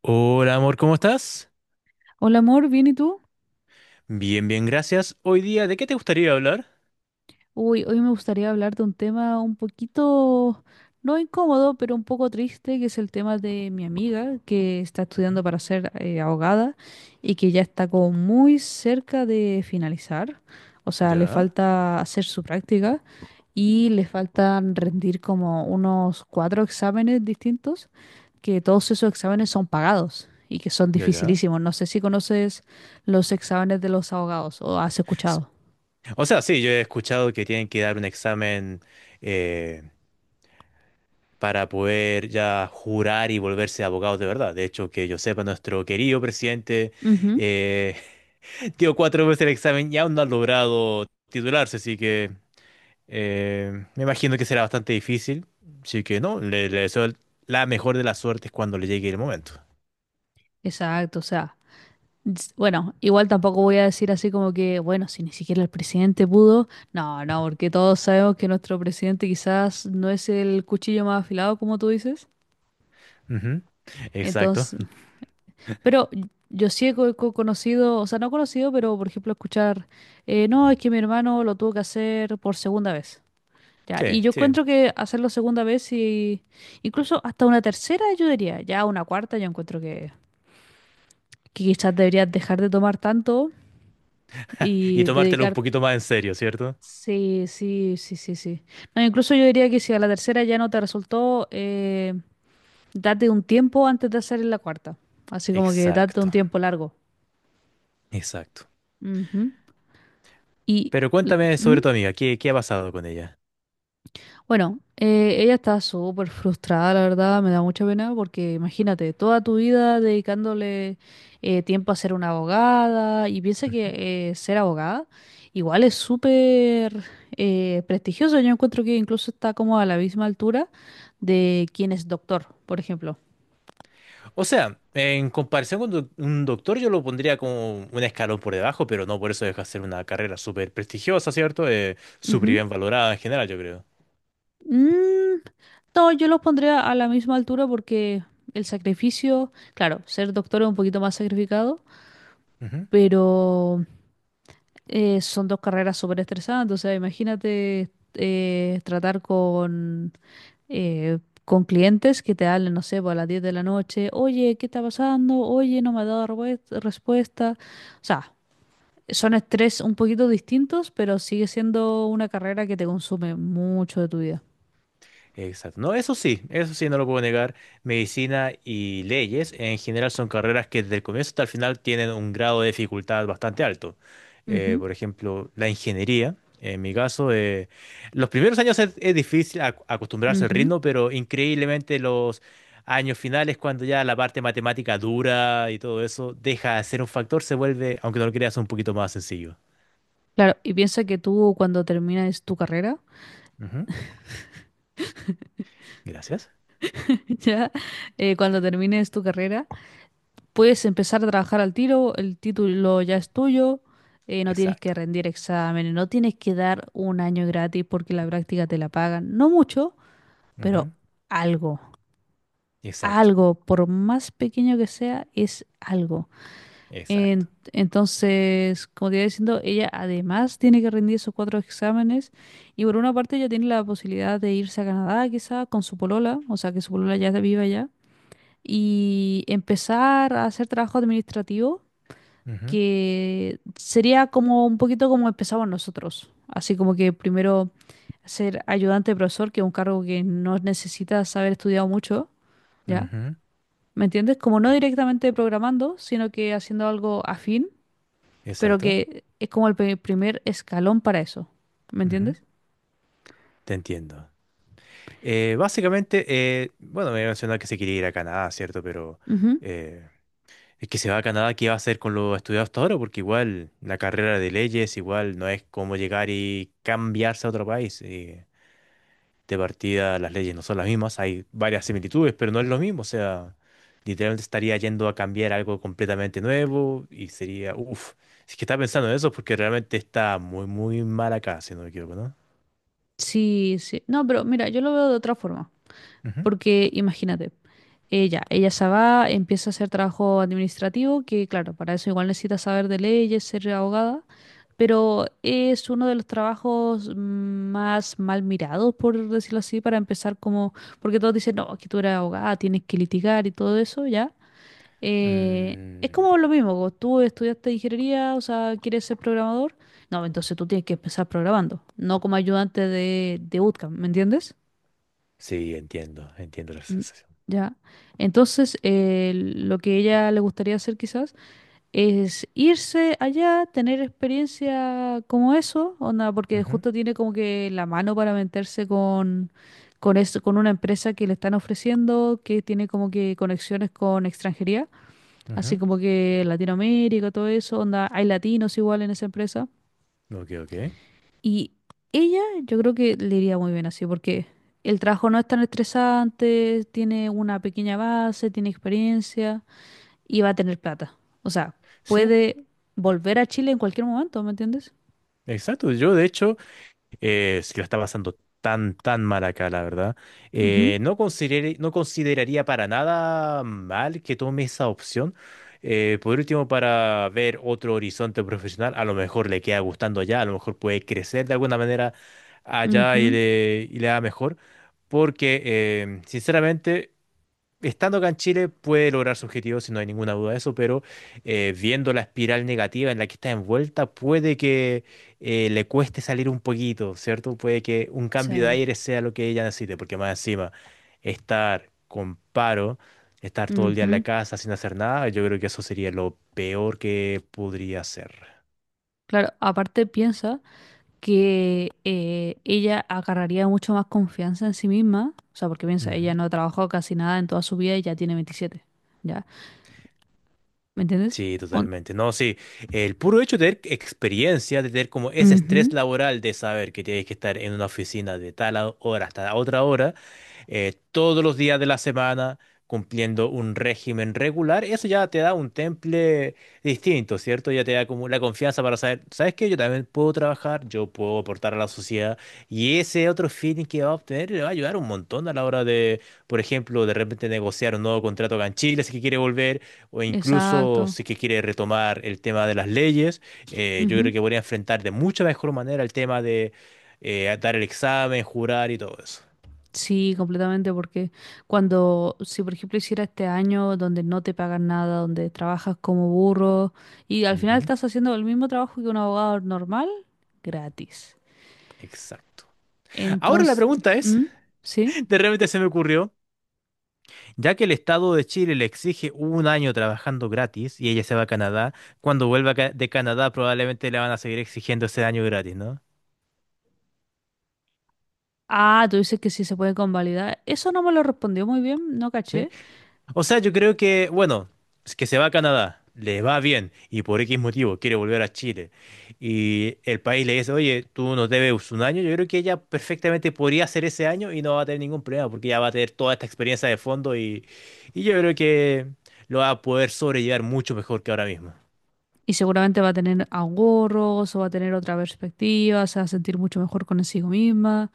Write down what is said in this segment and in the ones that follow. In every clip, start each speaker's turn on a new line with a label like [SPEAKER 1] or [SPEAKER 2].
[SPEAKER 1] Hola amor, ¿cómo estás?
[SPEAKER 2] Hola amor, ¿bien y tú?
[SPEAKER 1] Bien, bien, gracias. Hoy día, ¿de qué te gustaría hablar?
[SPEAKER 2] Uy, hoy me gustaría hablar de un tema un poquito, no incómodo, pero un poco triste, que es el tema de mi amiga que está estudiando
[SPEAKER 1] Ujú.
[SPEAKER 2] para ser abogada y que ya está como muy cerca de finalizar. O sea, le
[SPEAKER 1] Ya,
[SPEAKER 2] falta hacer su práctica y le faltan rendir como unos cuatro exámenes distintos, que todos esos exámenes son pagados y que son
[SPEAKER 1] ya, ya.
[SPEAKER 2] dificilísimos. No sé si conoces los exámenes de los abogados o has
[SPEAKER 1] S-
[SPEAKER 2] escuchado.
[SPEAKER 1] O sea, sí, yo he escuchado que tienen que dar un examen eh, para poder ya jurar y volverse abogados de verdad. De hecho, que yo sepa, nuestro querido presidente
[SPEAKER 2] Ujú.
[SPEAKER 1] eh, dio cuatro veces el examen y aún no ha logrado titularse, así que me imagino que será bastante difícil. Así que no, le deseo la mejor de las suertes cuando le llegue el momento.
[SPEAKER 2] Exacto, o sea, bueno, igual tampoco voy a decir así como que, bueno, si ni siquiera el presidente pudo, no, no, porque todos sabemos que nuestro presidente quizás no es el cuchillo más afilado, como tú dices.
[SPEAKER 1] Ujú, exacto.
[SPEAKER 2] Entonces, pero yo sí he conocido, o sea, no conocido, pero por ejemplo escuchar, no, es que mi hermano lo tuvo que hacer por segunda vez. Ya, y
[SPEAKER 1] Sí,
[SPEAKER 2] yo
[SPEAKER 1] sí.
[SPEAKER 2] encuentro que hacerlo segunda vez y incluso hasta una tercera yo diría, ya una cuarta yo encuentro que quizás deberías dejar de tomar tanto
[SPEAKER 1] Y
[SPEAKER 2] y
[SPEAKER 1] tomártelo un
[SPEAKER 2] dedicar.
[SPEAKER 1] poquito más en serio, ¿cierto?
[SPEAKER 2] Sí, sí, sí, sí, sí. No, incluso yo diría que si a la tercera ya no te resultó, date un tiempo antes de hacer la cuarta. Así como que date un
[SPEAKER 1] Exacto,
[SPEAKER 2] tiempo largo.
[SPEAKER 1] exacto.
[SPEAKER 2] Ujú. Y,
[SPEAKER 1] Pero cuéntame sobre
[SPEAKER 2] ¿mm?
[SPEAKER 1] tu amiga, ¿qué, qué ha pasado con ella?
[SPEAKER 2] Bueno, ella está súper frustrada, la verdad, me da mucha pena porque imagínate, toda tu vida dedicándole tiempo a ser una abogada y piensa
[SPEAKER 1] Ujú.
[SPEAKER 2] que ser abogada igual es súper prestigioso. Yo encuentro que incluso está como a la misma altura de quien es doctor, por ejemplo.
[SPEAKER 1] O sea, en comparación con un doctor, yo lo pondría como un escalón por debajo, pero no por eso deja de ser una carrera súper prestigiosa, ¿cierto? Súper
[SPEAKER 2] Ujú.
[SPEAKER 1] bien valorada en general, yo creo.
[SPEAKER 2] Mm, no, yo los pondría a la misma altura porque el sacrificio, claro, ser doctor es un poquito más sacrificado, pero son dos carreras súper estresantes, o sea, imagínate tratar eh, con clientes que te hablen, no sé, pues, a las 10 de la noche, oye, ¿qué está pasando? Oye, no me ha dado respuesta. O sea, son estrés un poquito distintos, pero sigue siendo una carrera que te consume mucho de tu vida.
[SPEAKER 1] Exacto. No, eso sí, no lo puedo negar. Medicina y leyes en general son carreras que desde el comienzo hasta el final tienen un grado de dificultad bastante alto.
[SPEAKER 2] Ujú,
[SPEAKER 1] Por ejemplo, la ingeniería, en mi caso, los primeros años es difícil acostumbrarse al
[SPEAKER 2] ujú.
[SPEAKER 1] ritmo, pero increíblemente los años finales, cuando ya la parte matemática dura y todo eso deja de ser un factor, se vuelve, aunque no lo creas, un poquito más sencillo.
[SPEAKER 2] Claro, y piensa que tú cuando terminas tu carrera,
[SPEAKER 1] Ujú. Gracias.
[SPEAKER 2] ya, cuando termines tu carrera, puedes empezar a trabajar al tiro, el título ya es tuyo, no tienes que
[SPEAKER 1] Exacto.
[SPEAKER 2] rendir exámenes, no tienes que dar un año gratis porque la práctica te la pagan. No mucho, pero
[SPEAKER 1] Ujú.
[SPEAKER 2] algo,
[SPEAKER 1] Exacto.
[SPEAKER 2] algo, por más pequeño que sea, es algo.
[SPEAKER 1] Exacto.
[SPEAKER 2] Entonces, como te iba diciendo, ella además tiene que rendir esos cuatro exámenes y por una parte ella tiene la posibilidad de irse a Canadá quizá con su polola, o sea que su polola ya viva allá y empezar a hacer trabajo administrativo
[SPEAKER 1] Ujú.
[SPEAKER 2] que sería como un poquito como empezamos nosotros, así como que primero ser ayudante de profesor, que es un cargo que no necesitas haber estudiado mucho, ¿ya?
[SPEAKER 1] Ujú.
[SPEAKER 2] ¿Me entiendes? Como no directamente programando, sino que haciendo algo afín, pero
[SPEAKER 1] Exacto.
[SPEAKER 2] que es como el primer escalón para eso, ¿me
[SPEAKER 1] Ujú,
[SPEAKER 2] entiendes?
[SPEAKER 1] te entiendo. Eh, básicamente, bueno, me había mencionado que se quería ir a Canadá, ¿cierto? Pero
[SPEAKER 2] Ujú.
[SPEAKER 1] eh, es que se va a Canadá, ¿qué va a hacer con lo estudiado hasta ahora? Porque igual la carrera de leyes, igual no es como llegar y cambiarse a otro país. De partida, las leyes no son las mismas, hay varias similitudes, pero no es lo mismo. O sea, literalmente estaría yendo a cambiar algo completamente nuevo y sería, uff, si es que está pensando en eso, porque realmente está muy, muy mal acá, si no me equivoco, ¿no?
[SPEAKER 2] Sí, sí. No, pero mira, yo lo veo de otra forma. Porque imagínate, ella se va, empieza a hacer trabajo administrativo, que claro, para eso igual necesita saber de leyes, ser abogada, pero es uno de los trabajos más mal mirados, por decirlo así, para empezar como, porque todos dicen, no, que tú eres abogada, tienes que litigar y todo eso, ¿ya? Es
[SPEAKER 1] Mm,
[SPEAKER 2] como lo mismo, como tú estudiaste ingeniería, o sea, quieres ser programador, no, entonces tú tienes que empezar programando, no como ayudante de bootcamp, ¿me entiendes?
[SPEAKER 1] sí, entiendo, entiendo la
[SPEAKER 2] Mm.
[SPEAKER 1] sensación.
[SPEAKER 2] Ya. Entonces, lo que ella le gustaría hacer quizás es irse allá, tener experiencia como eso, onda, porque
[SPEAKER 1] Ujú,
[SPEAKER 2] justo tiene como que la mano para meterse con una empresa que le están ofreciendo, que tiene como que conexiones con extranjería, así
[SPEAKER 1] ujú.
[SPEAKER 2] como que Latinoamérica, todo eso, onda, hay latinos igual en esa empresa.
[SPEAKER 1] Ok, ok.
[SPEAKER 2] Y ella yo creo que le iría muy bien así, porque el trabajo no es tan estresante, tiene una pequeña base, tiene experiencia y va a tener plata. O sea,
[SPEAKER 1] Sí,
[SPEAKER 2] puede volver a Chile en cualquier momento, ¿me entiendes?
[SPEAKER 1] exacto. Yo, de hecho, si la está pasando tan, tan mal acá, la verdad,
[SPEAKER 2] Ujú,
[SPEAKER 1] no consideraría para nada mal que tome esa opción. Por último, para ver otro horizonte profesional, a lo mejor le queda gustando allá, a lo mejor puede crecer de alguna manera allá
[SPEAKER 2] ujú,
[SPEAKER 1] y le da mejor. Porque, sinceramente, estando acá en Chile puede lograr su objetivo, si no hay ninguna duda de eso, pero viendo la espiral negativa en la que está envuelta, puede que le cueste salir un poquito, ¿cierto? Puede que un cambio de
[SPEAKER 2] sí.
[SPEAKER 1] aire sea lo que ella necesite, porque más encima, estar con paro, estar todo el día en la
[SPEAKER 2] Ujú.
[SPEAKER 1] casa sin hacer nada, yo creo que eso sería lo peor que podría hacer.
[SPEAKER 2] Claro, aparte piensa que ella agarraría mucho más confianza en sí misma, o sea, porque piensa, ella no ha trabajado casi nada en toda su vida y ya tiene 27. ¿Ya? ¿Me entiendes?
[SPEAKER 1] Sí,
[SPEAKER 2] On-
[SPEAKER 1] totalmente. No, sí, el puro hecho de tener experiencia, de tener como ese estrés
[SPEAKER 2] ujú,
[SPEAKER 1] laboral de saber que tienes que estar en una oficina de tal hora hasta otra hora, todos los días de la semana, cumpliendo un régimen regular, eso ya te da un temple distinto, ¿cierto? Ya te da como la confianza para saber, ¿sabes qué? Yo también puedo trabajar, yo puedo aportar a la sociedad y ese otro feeling que va a obtener le va a ayudar un montón a la hora de, por ejemplo, de repente negociar un nuevo contrato acá en Chile si es que quiere volver o incluso
[SPEAKER 2] exacto.
[SPEAKER 1] si que quiere retomar el tema de las leyes, yo
[SPEAKER 2] Ujú.
[SPEAKER 1] creo que podría enfrentar de mucha mejor manera el tema de dar el examen, jurar y todo eso.
[SPEAKER 2] Sí, completamente, porque si por ejemplo hiciera este año donde no te pagan nada, donde trabajas como burro y al final
[SPEAKER 1] Ujú,
[SPEAKER 2] estás haciendo el mismo trabajo que un abogado normal, gratis.
[SPEAKER 1] exacto. Ahora la
[SPEAKER 2] Entonces,
[SPEAKER 1] pregunta es,
[SPEAKER 2] ¿mm? ¿Sí?
[SPEAKER 1] de repente se me ocurrió, ya que el Estado de Chile le exige un año trabajando gratis y ella se va a Canadá, cuando vuelva de Canadá probablemente le van a seguir exigiendo ese año gratis, ¿no?
[SPEAKER 2] Ah, tú dices que sí se puede convalidar. Eso no me lo respondió muy bien, no caché.
[SPEAKER 1] O sea, yo creo que, bueno, es que se va a Canadá, le va bien y por X motivo quiere volver a Chile y el país le dice, oye, tú nos debes un año, yo creo que ella perfectamente podría hacer ese año y no va a tener ningún problema porque ya va a tener toda esta experiencia de fondo y yo creo que lo va a poder sobrellevar mucho mejor que ahora mismo.
[SPEAKER 2] Y seguramente va a tener ahorros o va a tener otra perspectiva, se va a sentir mucho mejor consigo misma,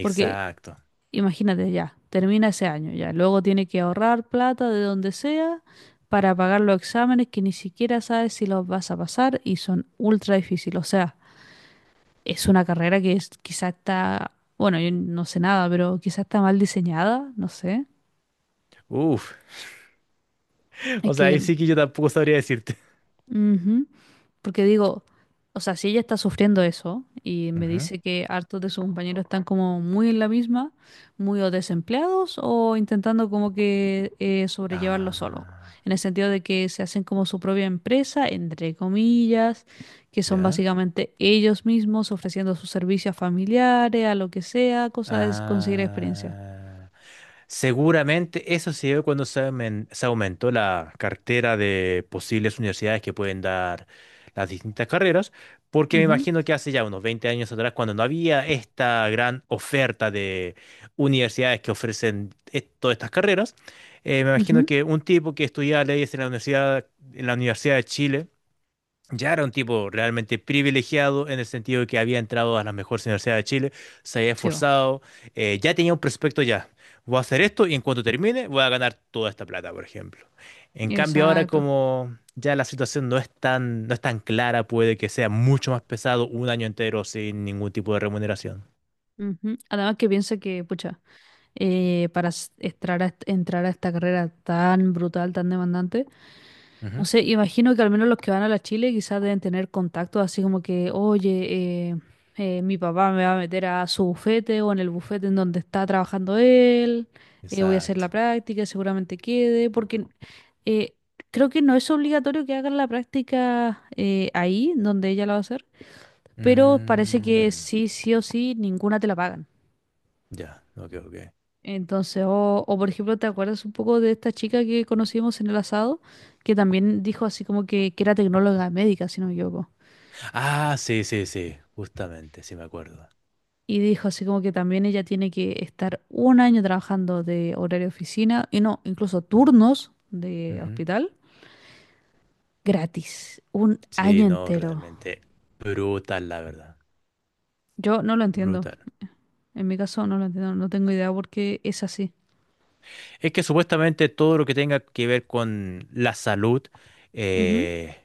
[SPEAKER 2] porque imagínate, ya termina ese año ya. Luego tiene que ahorrar plata de donde sea para pagar los exámenes que ni siquiera sabes si los vas a pasar y son ultra difíciles. O sea, es una carrera que es, quizá está, bueno, yo no sé nada, pero quizá está mal diseñada, no sé.
[SPEAKER 1] Uf,
[SPEAKER 2] Es
[SPEAKER 1] o sea,
[SPEAKER 2] que.
[SPEAKER 1] ahí sí que yo tampoco sabría decirte.
[SPEAKER 2] Ujú. Porque digo, o sea, si ella está sufriendo eso y me
[SPEAKER 1] Ujú.
[SPEAKER 2] dice que hartos de sus compañeros están como muy en la misma, muy o desempleados o intentando como que sobrellevarlo solo,
[SPEAKER 1] Ah,
[SPEAKER 2] en el sentido de que se hacen como su propia empresa, entre comillas, que son
[SPEAKER 1] ¿ya?
[SPEAKER 2] básicamente ellos mismos ofreciendo sus servicios a familiares, a lo que sea, cosa es conseguir experiencia.
[SPEAKER 1] Ah, seguramente eso se dio cuando se aumentó la cartera de posibles universidades que pueden dar las distintas carreras, porque me
[SPEAKER 2] Ujú,
[SPEAKER 1] imagino que hace ya unos 20 años atrás, cuando no había esta gran oferta de universidades que ofrecen todas estas carreras, me imagino
[SPEAKER 2] ujú.
[SPEAKER 1] que un tipo que estudiaba leyes en la Universidad de Chile, ya era un tipo realmente privilegiado en el sentido de que había entrado a las mejores universidades de Chile, se había
[SPEAKER 2] Sí, va.
[SPEAKER 1] esforzado, ya tenía un prospecto ya. Voy a hacer esto y en cuanto termine voy a ganar toda esta plata, por ejemplo. En cambio ahora
[SPEAKER 2] Exacto.
[SPEAKER 1] como ya la situación no es tan clara, puede que sea mucho más pesado un año entero sin ningún tipo de remuneración.
[SPEAKER 2] Ujú. Además que piensa que, pucha. Para entrar a esta carrera tan brutal, tan demandante. No
[SPEAKER 1] Ujú.
[SPEAKER 2] sé, imagino que al menos los que van a la Chile quizás deben tener contactos así como que, oye, mi papá me va a meter a su bufete o en el bufete en donde está trabajando él, voy a hacer la
[SPEAKER 1] Exacto.
[SPEAKER 2] práctica, seguramente quede, porque eh, creo que no es obligatorio que hagan la práctica ahí, donde ella la va a hacer, pero parece que
[SPEAKER 1] Mm,
[SPEAKER 2] sí, sí o sí, ninguna te la pagan.
[SPEAKER 1] ya, ok, ok.
[SPEAKER 2] Entonces, o por ejemplo, ¿te acuerdas un poco de esta chica que conocimos en el asado? Que también dijo así como que era tecnóloga médica, si no me equivoco.
[SPEAKER 1] Ah, sí, sí, sí, justamente, sí me acuerdo.
[SPEAKER 2] Y dijo así como que también ella tiene que estar un año trabajando de horario de oficina, y no, incluso turnos de hospital, gratis, un
[SPEAKER 1] Sí,
[SPEAKER 2] año
[SPEAKER 1] no,
[SPEAKER 2] entero.
[SPEAKER 1] realmente brutal, la verdad.
[SPEAKER 2] Yo no lo entiendo.
[SPEAKER 1] Brutal.
[SPEAKER 2] En mi caso no lo entiendo, no tengo idea por qué es así.
[SPEAKER 1] Es que supuestamente todo lo que tenga que ver
[SPEAKER 2] Ujú,
[SPEAKER 1] eh,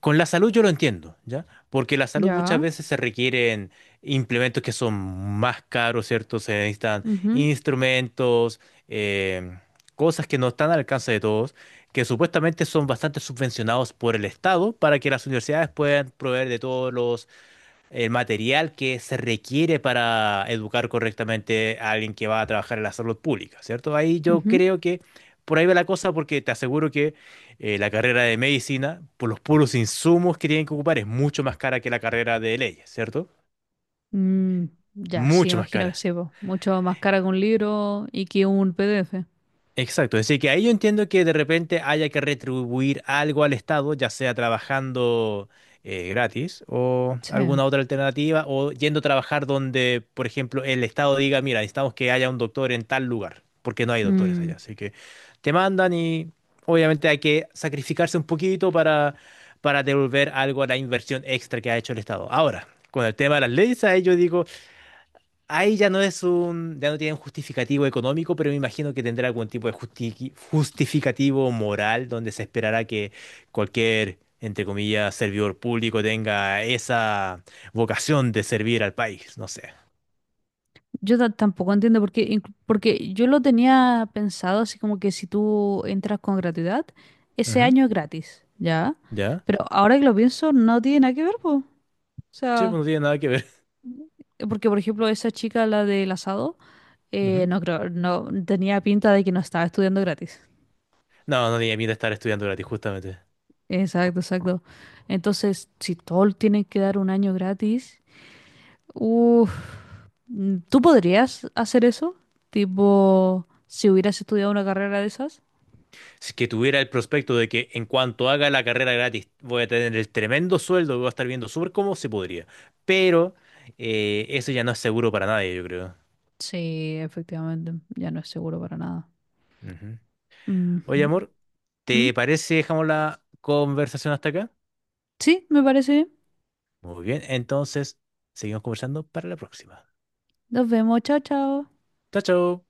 [SPEAKER 1] con la salud yo lo entiendo, ¿ya? Porque la salud muchas
[SPEAKER 2] ya.
[SPEAKER 1] veces se requieren implementos que son más caros, ¿cierto? Se necesitan
[SPEAKER 2] Ujú,
[SPEAKER 1] instrumentos, em, cosas que no están al alcance de todos, que supuestamente son bastante subvencionados por el Estado para que las universidades puedan proveer de todos los el material que se requiere para educar correctamente a alguien que va a trabajar en la salud pública, ¿cierto? Ahí yo
[SPEAKER 2] ujú.
[SPEAKER 1] creo que por ahí va la cosa porque te aseguro que la carrera de medicina, por los puros insumos que tienen que ocupar, es mucho más cara que la carrera de leyes, ¿cierto?
[SPEAKER 2] Mm, ya, sí,
[SPEAKER 1] Mucho más
[SPEAKER 2] imagino que
[SPEAKER 1] cara.
[SPEAKER 2] sí, po. Mucho más cara que un libro y que un PDF.
[SPEAKER 1] Exacto, es decir, que ahí yo entiendo que de repente haya que retribuir algo al Estado, ya sea trabajando gratis o
[SPEAKER 2] Sí.
[SPEAKER 1] alguna otra alternativa, o yendo a trabajar donde, por ejemplo, el Estado diga, mira, necesitamos que haya un doctor en tal lugar, porque no hay doctores
[SPEAKER 2] Mm,
[SPEAKER 1] allá. Así que te mandan y obviamente hay que sacrificarse un poquito para devolver algo a la inversión extra que ha hecho el Estado. Ahora, con el tema de las leyes, ahí yo digo... Ahí ya no es un, ya no tiene un justificativo económico, pero me imagino que tendrá algún tipo de justificativo moral donde se esperará que cualquier, entre comillas, servidor público tenga esa vocación de servir al país, no sé.
[SPEAKER 2] yo tampoco entiendo por qué, porque yo lo tenía pensado así como que si tú entras con gratuidad, ese
[SPEAKER 1] Ujú.
[SPEAKER 2] año es gratis, ¿ya?
[SPEAKER 1] ¿Ya?
[SPEAKER 2] Pero ahora que lo pienso, no tiene nada que ver, po. O
[SPEAKER 1] Sí,
[SPEAKER 2] sea,
[SPEAKER 1] pues no tiene nada que ver.
[SPEAKER 2] porque por ejemplo esa chica, la del asado,
[SPEAKER 1] Ujú.
[SPEAKER 2] no creo, no tenía pinta de que no estaba estudiando gratis.
[SPEAKER 1] No, no tiene miedo estar estudiando gratis, justamente.
[SPEAKER 2] Exacto, exacto. Entonces, si todos tienen que dar un año gratis. Uf, ¿tú podrías hacer eso? Tipo, si hubieras estudiado una carrera de esas.
[SPEAKER 1] Si es que tuviera el prospecto de que en cuanto haga la carrera gratis voy a tener el tremendo sueldo, voy a estar viendo súper cómo se podría. Pero eso ya no es seguro para nadie, yo creo.
[SPEAKER 2] Sí, efectivamente, ya no es seguro para nada.
[SPEAKER 1] Ujú. Oye,
[SPEAKER 2] Ujú.
[SPEAKER 1] amor,
[SPEAKER 2] ¿Mm?
[SPEAKER 1] ¿te parece si dejamos la conversación hasta acá?
[SPEAKER 2] Sí, me parece bien.
[SPEAKER 1] Muy bien, entonces seguimos conversando para la próxima.
[SPEAKER 2] Nos vemos, chao, chao.
[SPEAKER 1] Chao, chao.